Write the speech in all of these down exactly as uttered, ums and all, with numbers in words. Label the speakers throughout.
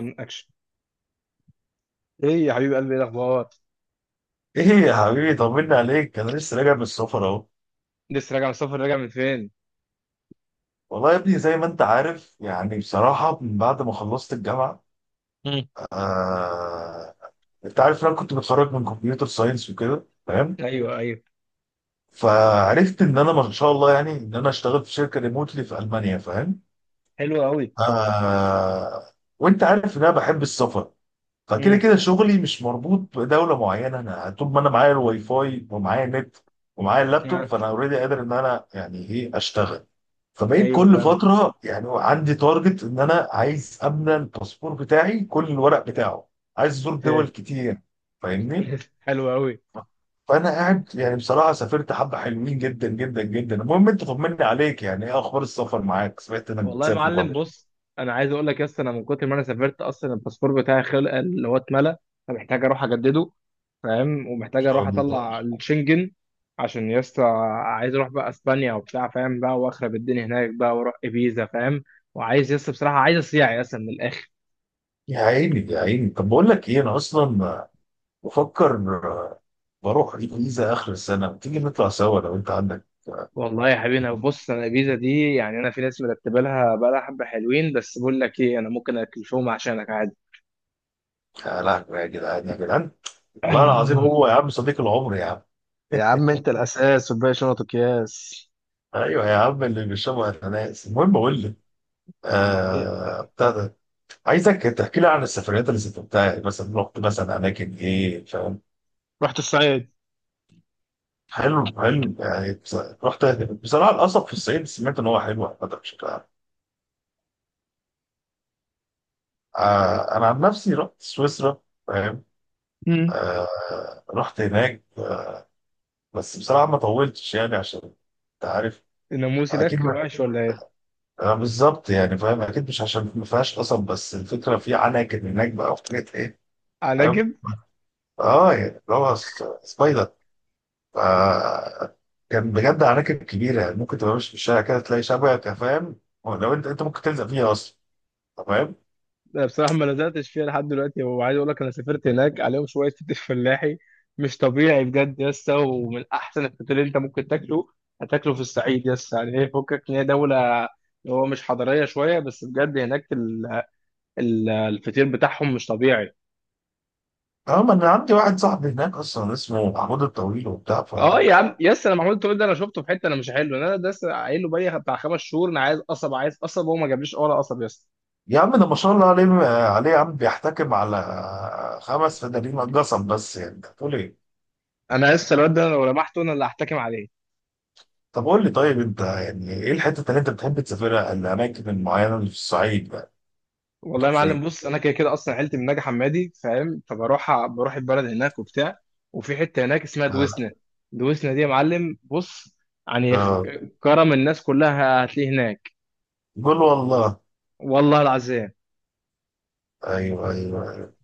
Speaker 1: من اكشن، ايه يا حبيب قلبي؟ ايه الاخبار؟
Speaker 2: ايه يا حبيبي طمني عليك. انا لسه راجع من السفر اهو.
Speaker 1: لسه راجع من السفر؟ راجع من فين؟
Speaker 2: والله يا ابني زي ما انت عارف يعني بصراحه من بعد ما خلصت الجامعه،
Speaker 1: مم.
Speaker 2: آه... انت عارف إن انا كنت متخرج من كمبيوتر ساينس وكده فاهم.
Speaker 1: ايوه ايوه
Speaker 2: فعرفت ان انا ما شاء الله يعني ان انا اشتغل في شركه ريموتلي في المانيا فاهم.
Speaker 1: حلو قوي
Speaker 2: آه... وانت عارف ان انا بحب السفر. فكده
Speaker 1: مم.
Speaker 2: كده شغلي مش مربوط بدوله معينه، انا طول ما انا معايا الواي فاي ومعايا النت ومعايا اللابتوب فانا اوريدي قادر ان انا يعني ايه اشتغل. فبقيت
Speaker 1: ايوه
Speaker 2: كل
Speaker 1: فاهم.
Speaker 2: فتره يعني عندي تارجت ان انا عايز املى الباسبور بتاعي كل الورق بتاعه، عايز ازور دول
Speaker 1: اوكي.
Speaker 2: كتير فاهمني.
Speaker 1: حلو قوي.
Speaker 2: فانا قاعد يعني بصراحه سافرت حبه حلوين جدا جدا جدا. المهم انت طمني عليك، يعني ايه اخبار السفر معاك؟ سمعت انك
Speaker 1: والله يا
Speaker 2: بتسافر
Speaker 1: معلم
Speaker 2: برضه ان
Speaker 1: بص، انا عايز اقول لك يا اسطى، انا من كتر ما انا سافرت اصلا الباسبور بتاعي خلق، اللي هو اتملى، فمحتاج اروح اجدده، فاهم، ومحتاج
Speaker 2: شاء
Speaker 1: اروح
Speaker 2: الله.
Speaker 1: اطلع الشنجن، عشان يا اسطى عايز اروح بقى اسبانيا وبتاع، فاهم، بقى واخرب الدنيا هناك بقى، واروح ابيزا، فاهم، وعايز يا اسطى بصراحه، عايز اصيع يا اسطى من الاخر.
Speaker 2: يا عيني يا عيني، طب بقول لك ايه، انا اصلا بفكر بروح الجيزه اخر السنه، تيجي نطلع سوا لو انت عندك.
Speaker 1: والله يا حبيبي انا بص، انا الفيزا دي يعني انا في ناس مرتبه لها بقى، لها حبه حلوين، بس بقول لك ايه، انا ممكن اكلفهم عشانك عادي.
Speaker 2: يا لهوي يا جدعان يا جدعان، والله العظيم
Speaker 1: آه،
Speaker 2: هو يا عم صديق العمر يا عم.
Speaker 1: يا عم انت الاساس والباقي شنط وكياس.
Speaker 2: ايوه يا عم اللي بيشربوا اناناس. المهم اقول لك
Speaker 1: إيه؟
Speaker 2: آه بتاع ده، عايزك تحكي لي عن السفريات اللي سافرتها، يعني مثلا رحت مثلا اماكن ايه فاهم؟
Speaker 1: رحت الصعيد.
Speaker 2: حلو حلو يعني بص- رحت. بصراحه القصب في الصعيد سمعت ان هو حلو عامه بشكل عام. آه انا عن نفسي رحت سويسرا فاهم.
Speaker 1: مم.
Speaker 2: آه رحت هناك. بس بصراحه ما طولتش يعني عشان انت عارف.
Speaker 1: الناموس
Speaker 2: اكيد
Speaker 1: هناك
Speaker 2: ما-
Speaker 1: وحش ولا ايه؟
Speaker 2: آه بالظبط يعني فاهم، اكيد مش عشان ما فيهاش قصب، بس الفكره في عناكب هناك بقى وحاجات ايه فاهم.
Speaker 1: عناجب.
Speaker 2: اه يعني اللي هو س- سبايدر، ف كان بجد عناكب كبيره، يعني ممكن تبقى ماشي في الشارع كده تلاقي شبكه فاهم، لو انت انت ممكن تلزق فيها اصلا تمام.
Speaker 1: أنا بصراحه ما لزقتش فيها لحد دلوقتي، وعايز اقول لك انا سافرت هناك، عليهم شويه فطير فلاحي مش طبيعي بجد يا اسطى، ومن احسن الفطير اللي انت ممكن تاكله هتاكله في الصعيد يا اسطى. يعني ايه، فكك ان هي دوله اللي هو مش حضاريه شويه، بس بجد هناك ال- الفطير بتاعهم مش طبيعي.
Speaker 2: اه ما انا عندي واحد صاحبي هناك اصلا اسمه محمود الطويل وبتاع ف.
Speaker 1: اه يا عم يس، انا محمود تقول ده، انا شفته في حته، انا مش حلو، انا ده لسه قايل له بقالي بتاع خمس شهور، انا عايز قصب عايز قصب، وهو ما جابليش ولا قصب يس.
Speaker 2: يا عم ده ما شاء الله عليه عليه يا عم، بيحتكم على خمس فدانين قصب، بس يعني انت بتقول ايه؟
Speaker 1: انا لسه الواد ده، أنا لو لمحته انا اللي هحتكم عليه.
Speaker 2: طب قول لي، طيب، انت يعني ايه الحته اللي انت بتحب تسافرها، الاماكن المعينه اللي في الصعيد بقى؟
Speaker 1: والله
Speaker 2: طب
Speaker 1: يا معلم
Speaker 2: فين؟
Speaker 1: بص، انا كده كده اصلا عيلتي من نجع حمادي، فاهم، فبروح بروح البلد هناك وبتاع. وفي حته هناك اسمها دويسنا. دويسنا دي يا معلم بص، يعني خ-
Speaker 2: آه،
Speaker 1: كرم الناس كلها هتلاقيه هناك.
Speaker 2: قول والله.
Speaker 1: والله العظيم.
Speaker 2: ايوه ايوه.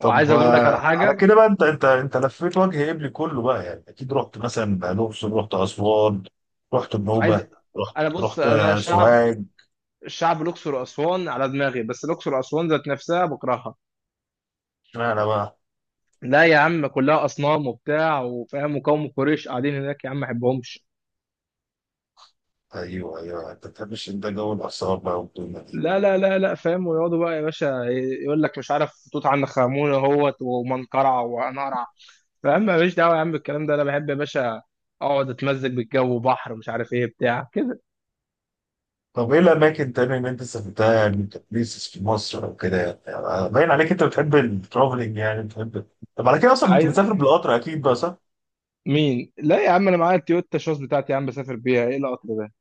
Speaker 2: طب
Speaker 1: اقول لك على
Speaker 2: آه، على
Speaker 1: حاجه،
Speaker 2: كده بقى، انت انت انت لفيت وجه قبلي كله بقى، يعني اكيد رحت مثلا الاقصر، رحت اسوان، رحت
Speaker 1: وعايز
Speaker 2: النوبه، رحت
Speaker 1: انا بص
Speaker 2: رحت
Speaker 1: انا شعب،
Speaker 2: سوهاج.
Speaker 1: الشعب الأقصر وأسوان على دماغي، بس الأقصر وأسوان ذات نفسها بكرهها.
Speaker 2: اشمعنى بقى؟
Speaker 1: لا يا عم، كلها أصنام وبتاع وفاهم، وقوم قريش قاعدين هناك يا عم، ما بحبهمش.
Speaker 2: ايوه ايوه، انت بتحبش انت جو الاثار بقى والدنيا دي.
Speaker 1: لا لا لا لا فاهم، ويقعدوا بقى يا باشا، يقول لك مش عارف توت عنخ آمون اهوت ومنقرع ونقرع، فاهم، ماليش دعوة يا عم بالكلام ده. أنا بحب يا باشا أقعد أتمزج بالجو، بحر، مش عارف إيه بتاع كده.
Speaker 2: طب ايه الاماكن تاني اللي انت سافرتها، يعني كبليسز في مصر او كده، يعني يعني باين عليك انت بتحب الترافلنج يعني بتحب. طب على كده اصلا انت
Speaker 1: عايز
Speaker 2: بتسافر بالقطر اكيد بقى، صح؟
Speaker 1: مين لا يا عم، أنا معايا التويوتا شوز بتاعتي يا عم، بسافر بيها، إيه القطر ده؟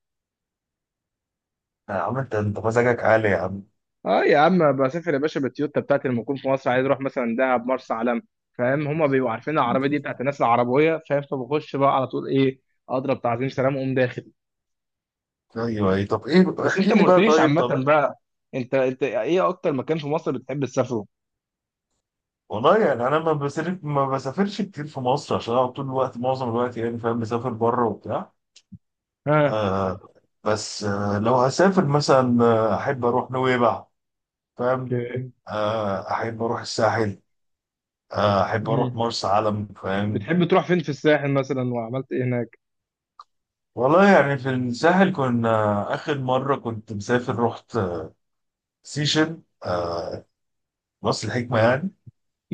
Speaker 2: يا عم انت انت مزاجك عالي يا عم.
Speaker 1: اه يا عم، بسافر يا باشا بالتويوتا بتاعتي، لما اكون في مصر عايز اروح مثلا دهب مرسى علم، فاهم، هما بيبقوا عارفين العربيه دي بتاعت الناس العربويه، فاهم، فبخش بقى على طول، ايه، اضرب تعظيم سلام واقوم داخل.
Speaker 2: ايوه ايه، طب ايه
Speaker 1: بس
Speaker 2: احكي
Speaker 1: انت ما
Speaker 2: لي بقى،
Speaker 1: قلتليش
Speaker 2: طيب،
Speaker 1: عامه
Speaker 2: طب.
Speaker 1: بقى، انت انت ايه اكتر مكان في مصر بتحب تسافره؟
Speaker 2: والله يعني انا ما بسافر ما بسافرش كتير في مصر عشان اقعد طول الوقت معظم الوقت يعني فاهم، بسافر بره وبتاع
Speaker 1: ها.
Speaker 2: آه. بس آه لو هسافر مثلا آه، احب اروح نويبع فاهم.
Speaker 1: اوكي.
Speaker 2: آه احب اروح الساحل. آه احب اروح
Speaker 1: مم.
Speaker 2: مرسى علم فاهم.
Speaker 1: بتحب تروح فين في الساحل مثلا، وعملت ايه هناك؟
Speaker 2: والله يعني في الساحل، كنا آخر مرة كنت مسافر رحت سيشن، آه راس الحكمة يعني.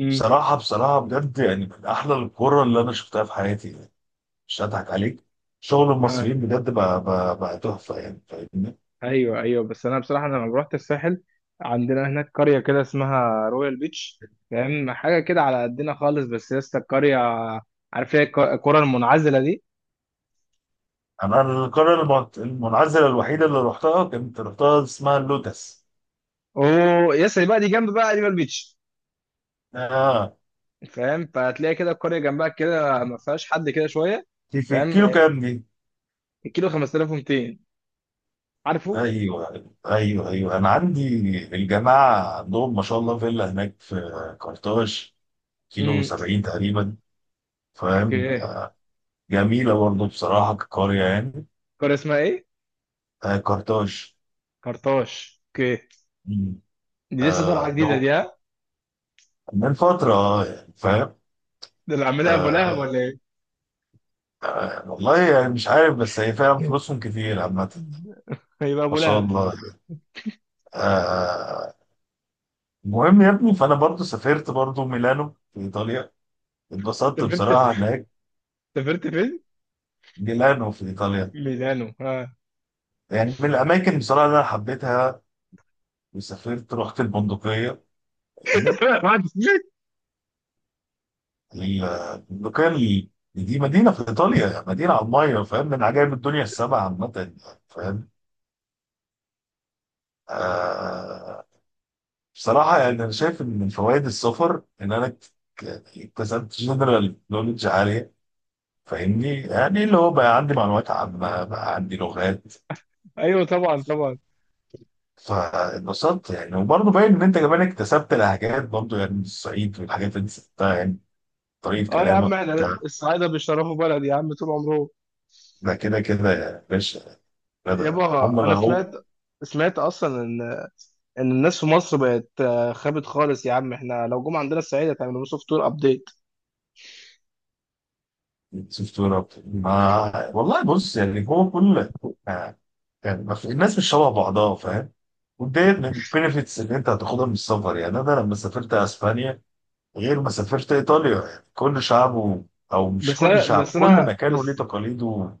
Speaker 2: بصراحة بصراحة بجد يعني من أحلى القرى اللي أنا شفتها في حياتي يعني، مش هضحك عليك. شغل
Speaker 1: امم.
Speaker 2: المصريين بجد بقى بقى, بقى تحفة يعني فاهمني.
Speaker 1: ايوه ايوه، بس انا بصراحه انا لما رحت الساحل، عندنا هناك قريه كده اسمها رويال بيتش، فاهم، حاجه كده على قدنا خالص، بس يا اسطى القريه، عارف هي الك- القرى المنعزله دي.
Speaker 2: أنا القرية المنعزلة المنعزلة الوحيدة اللي رحتها كنت رحتها اسمها اللوتس
Speaker 1: اوه يا اسطى، بقى دي جنب بقى رويال بيتش،
Speaker 2: آه.
Speaker 1: فاهم، فهتلاقي كده القريه جنبها كده ما فيهاش حد كده شويه،
Speaker 2: دي في
Speaker 1: فاهم،
Speaker 2: الكيلو كام دي؟
Speaker 1: الكيلو خمسة آلاف ومئتين، عارفه.
Speaker 2: أيوه أيوه أيوه، أنا عندي. الجماعة عندهم ما شاء الله فيلا هناك في كارتاج، كيلو
Speaker 1: امم.
Speaker 2: سبعين تقريبا فاهم.
Speaker 1: اوكي.
Speaker 2: جميلة برضه بصراحة كقرية يعني.
Speaker 1: القريه اسمها ايه؟
Speaker 2: آه كارتاج.
Speaker 1: كرطاش. اوكي.
Speaker 2: مم.
Speaker 1: دي لسه طالعه
Speaker 2: آه
Speaker 1: جديده دي،
Speaker 2: نو-
Speaker 1: ها؟
Speaker 2: من فترة آه، يعني فاهم.
Speaker 1: ده اللي عاملها ابو لهب
Speaker 2: آه
Speaker 1: ولا ايه؟
Speaker 2: والله يعني مش عارف، بس هي فعلا فلوسهم كتير عامة،
Speaker 1: هيبقى
Speaker 2: ما
Speaker 1: ابو
Speaker 2: شاء
Speaker 1: لهب.
Speaker 2: الله. آه آه، المهم يا ابني فأنا برضه سافرت برضه ميلانو في إيطاليا، اتبسطت
Speaker 1: سافرت،
Speaker 2: بصراحة هناك.
Speaker 1: سافرت فين؟
Speaker 2: ميلانو في إيطاليا،
Speaker 1: ميلانو، ها؟
Speaker 2: يعني من الأماكن بصراحة اللي أنا حبيتها. وسافرت رحت البندقية. ال- البقال، دي مدينة في إيطاليا، مدينة على المية فاهم، من عجائب الدنيا السبع عامة فاهم آه. بصراحة يعني أنا شايف إن من فوائد السفر إن أنا ك- ك- اكتسبت جنرال نولج عالية فاهمني، يعني اللي هو بقى عندي معلومات عامة بقى عندي لغات.
Speaker 1: ايوه طبعا طبعا.
Speaker 2: فاتبسطت يعني وبرضه باين إن أنت كمان اكتسبت لهجات برضه، يعني من الصعيد والحاجات اللي أنت سبتها يعني طريقة
Speaker 1: اه يا عم،
Speaker 2: كلامك
Speaker 1: احنا
Speaker 2: ده.
Speaker 1: الصعايده بيشرفوا بلد يا عم طول عمرهم.
Speaker 2: ده كده كده يا باشا، ده- ده هم
Speaker 1: يابا
Speaker 2: اللي
Speaker 1: انا
Speaker 2: هم
Speaker 1: سمعت، سمعت اصلا ان، ان الناس في مصر بقت آه، خابت خالص يا عم، احنا لو جم عندنا الصعيد هتعملوا سوفت وير ابديت.
Speaker 2: سوفتونا. ما والله بص يعني هو كل آه، يعني ما في- الناس مش شبه بعضها فاهم. وده من البينفيتس اللي انت هتاخدها من السفر، يعني انا لما سافرت اسبانيا غير ما سافرت ايطاليا، يعني كل شعبه او مش
Speaker 1: بس
Speaker 2: كل
Speaker 1: انا
Speaker 2: شعب،
Speaker 1: بس
Speaker 2: كل
Speaker 1: انا
Speaker 2: مكان وليه
Speaker 1: بس
Speaker 2: تقاليده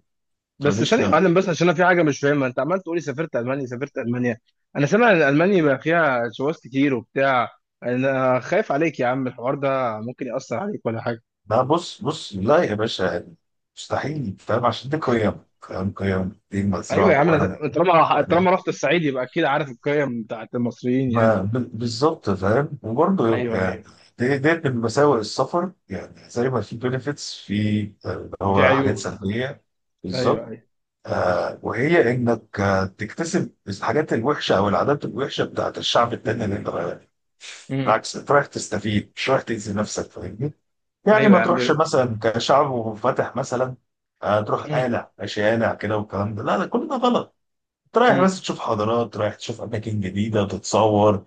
Speaker 1: بس ثانيه يا
Speaker 2: تراديشنال.
Speaker 1: معلم، بس عشان انا في حاجه مش فاهمها، انت عمال تقولي سافرت المانيا سافرت المانيا، انا سامع ان المانيا بقى فيها شواذ كتير وبتاع، انا خايف عليك يا عم، الحوار ده ممكن ياثر عليك ولا حاجه.
Speaker 2: ده بص بص لا يا باشا، يعني مستحيل فاهم، عشان دي قيم فاهم، قيم دي
Speaker 1: ايوه
Speaker 2: مزروعه
Speaker 1: يا عم،
Speaker 2: جوانا. من-
Speaker 1: أنا طالما طالما رحت الصعيد يبقى اكيد عارف القيم بتاعت المصريين يعني.
Speaker 2: ما ب- بالظبط فاهم، وبرضه
Speaker 1: ايوه
Speaker 2: يعني
Speaker 1: ايوه.
Speaker 2: دي- ديت من مساوئ السفر، يعني زي ما في بنفيتس، في آه، اللي
Speaker 1: في
Speaker 2: هو حاجات
Speaker 1: عيوب.
Speaker 2: سلبية
Speaker 1: ايوه
Speaker 2: بالظبط.
Speaker 1: ايوه.
Speaker 2: آه وهي انك آه، تكتسب الحاجات الوحشة او العادات الوحشة بتاعت الشعب التاني اللي انت رايح له.
Speaker 1: امم.
Speaker 2: بالعكس انت رايح تستفيد مش رايح تأذي نفسك فاهمني. يعني
Speaker 1: ايوه
Speaker 2: ما
Speaker 1: يا عم
Speaker 2: تروحش
Speaker 1: ب-
Speaker 2: مثلا كشعب منفتح مثلا، آه تروح
Speaker 1: امم.
Speaker 2: قالع شارع كده، والكلام ده لا لا كل ده غلط. انت رايح
Speaker 1: أمم.
Speaker 2: بس تشوف حضارات، رايح تشوف اماكن جديدة، تتصور،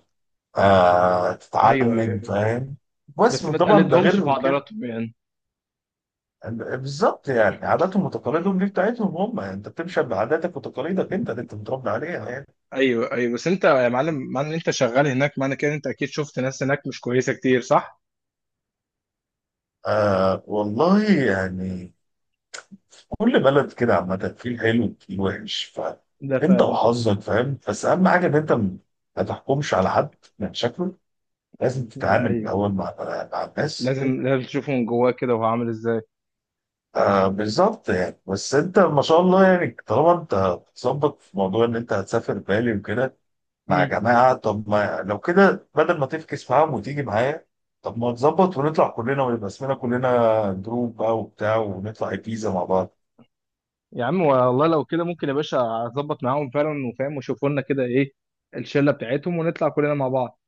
Speaker 2: آه
Speaker 1: ايوه
Speaker 2: تتعلم
Speaker 1: ايوه،
Speaker 2: فاهم، بس
Speaker 1: بس ما
Speaker 2: طبعا ده
Speaker 1: تقلدهمش في
Speaker 2: غير كده.
Speaker 1: عضلاتهم يعني.
Speaker 2: بالظبط، يعني عاداتهم وتقاليدهم دي بتاعتهم هم، يعني انت بتمشي بعاداتك وتقاليدك انت اللي انت متربي عليها يعني.
Speaker 1: ايوه ايوه، بس انت يا معلم، معنى ان انت شغال هناك معنى كده إن انت اكيد شفت ناس هناك مش كويسه كتير، صح؟
Speaker 2: آه والله يعني كل بلد كده عامة فيه الحلو وفيه الوحش،
Speaker 1: ده
Speaker 2: فانت
Speaker 1: فعلا.
Speaker 2: وحظك فاهم. بس اهم حاجة ان انت م- ما تحكمش على حد من شكله، لازم
Speaker 1: لا
Speaker 2: تتعامل
Speaker 1: ايوه،
Speaker 2: الاول مع مع الناس.
Speaker 1: لازم لازم تشوفه من جواه كده، وهو عامل ازاي.
Speaker 2: آه بالظبط يعني، بس انت ما شاء الله يعني طالما انت بتظبط في موضوع ان انت هتسافر بالي وكده مع
Speaker 1: مم.
Speaker 2: جماعة، طب ما لو كده بدل ما تفكس معاهم وتيجي معايا. طب ما نظبط ونطلع كلنا ويبقى اسمنا كلنا جروب بقى وبتاع، ونطلع الجيزة مع بعض.
Speaker 1: يا عم والله لو كده ممكن يا باشا اظبط معاهم فعلا، وفاهم، وشوفوا لنا كده ايه الشله بتاعتهم، ونطلع كلنا مع بعض.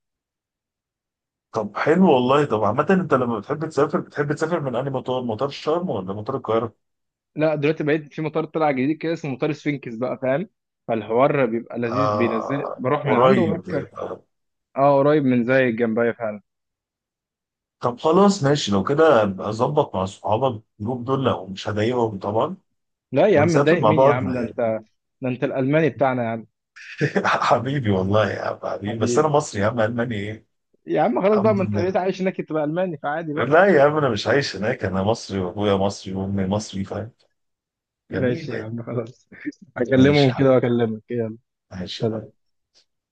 Speaker 2: طب حلو والله. طب عامة انت لما بتحب تسافر بتحب تسافر من انهي مطار، مطار شرم ولا مطار القاهرة؟
Speaker 1: لا دلوقتي بقيت في مطار طلع جديد كده اسمه مطار سفينكس بقى، فاهم، فالحوار بيبقى لذيذ، بينزل
Speaker 2: آه
Speaker 1: بروح من عنده
Speaker 2: قريب
Speaker 1: وبركب.
Speaker 2: آه،.
Speaker 1: اه قريب، من زي جنبيا فعلا.
Speaker 2: طب خلاص ماشي، لو كده ابقى ظبط مع صحابك الجروب دول لو مش هضايقهم طبعا،
Speaker 1: لا يا عم،
Speaker 2: ونسافر
Speaker 1: تضايق
Speaker 2: مع
Speaker 1: مين يا
Speaker 2: بعض.
Speaker 1: عم؟ ده انت، ده انت الالماني بتاعنا يا عم.
Speaker 2: حبيبي والله يا عم حبيبي، بس انا
Speaker 1: حبيبي.
Speaker 2: مصري يا عم، الماني ايه؟
Speaker 1: يا عم خلاص بقى،
Speaker 2: الحمد
Speaker 1: ما انت بقيت
Speaker 2: لله.
Speaker 1: عايش هناك تبقى الماني، فعادي بقى.
Speaker 2: لا يا عم انا مش عايش هناك، انا مصري وابويا مصري وامي مصري فاهم.
Speaker 1: ماشي
Speaker 2: جميل
Speaker 1: يا
Speaker 2: يعني،
Speaker 1: عم خلاص. هكلمهم
Speaker 2: ماشي يا
Speaker 1: كده
Speaker 2: حبيبي،
Speaker 1: واكلمك، يلا سلام.
Speaker 2: ماشي.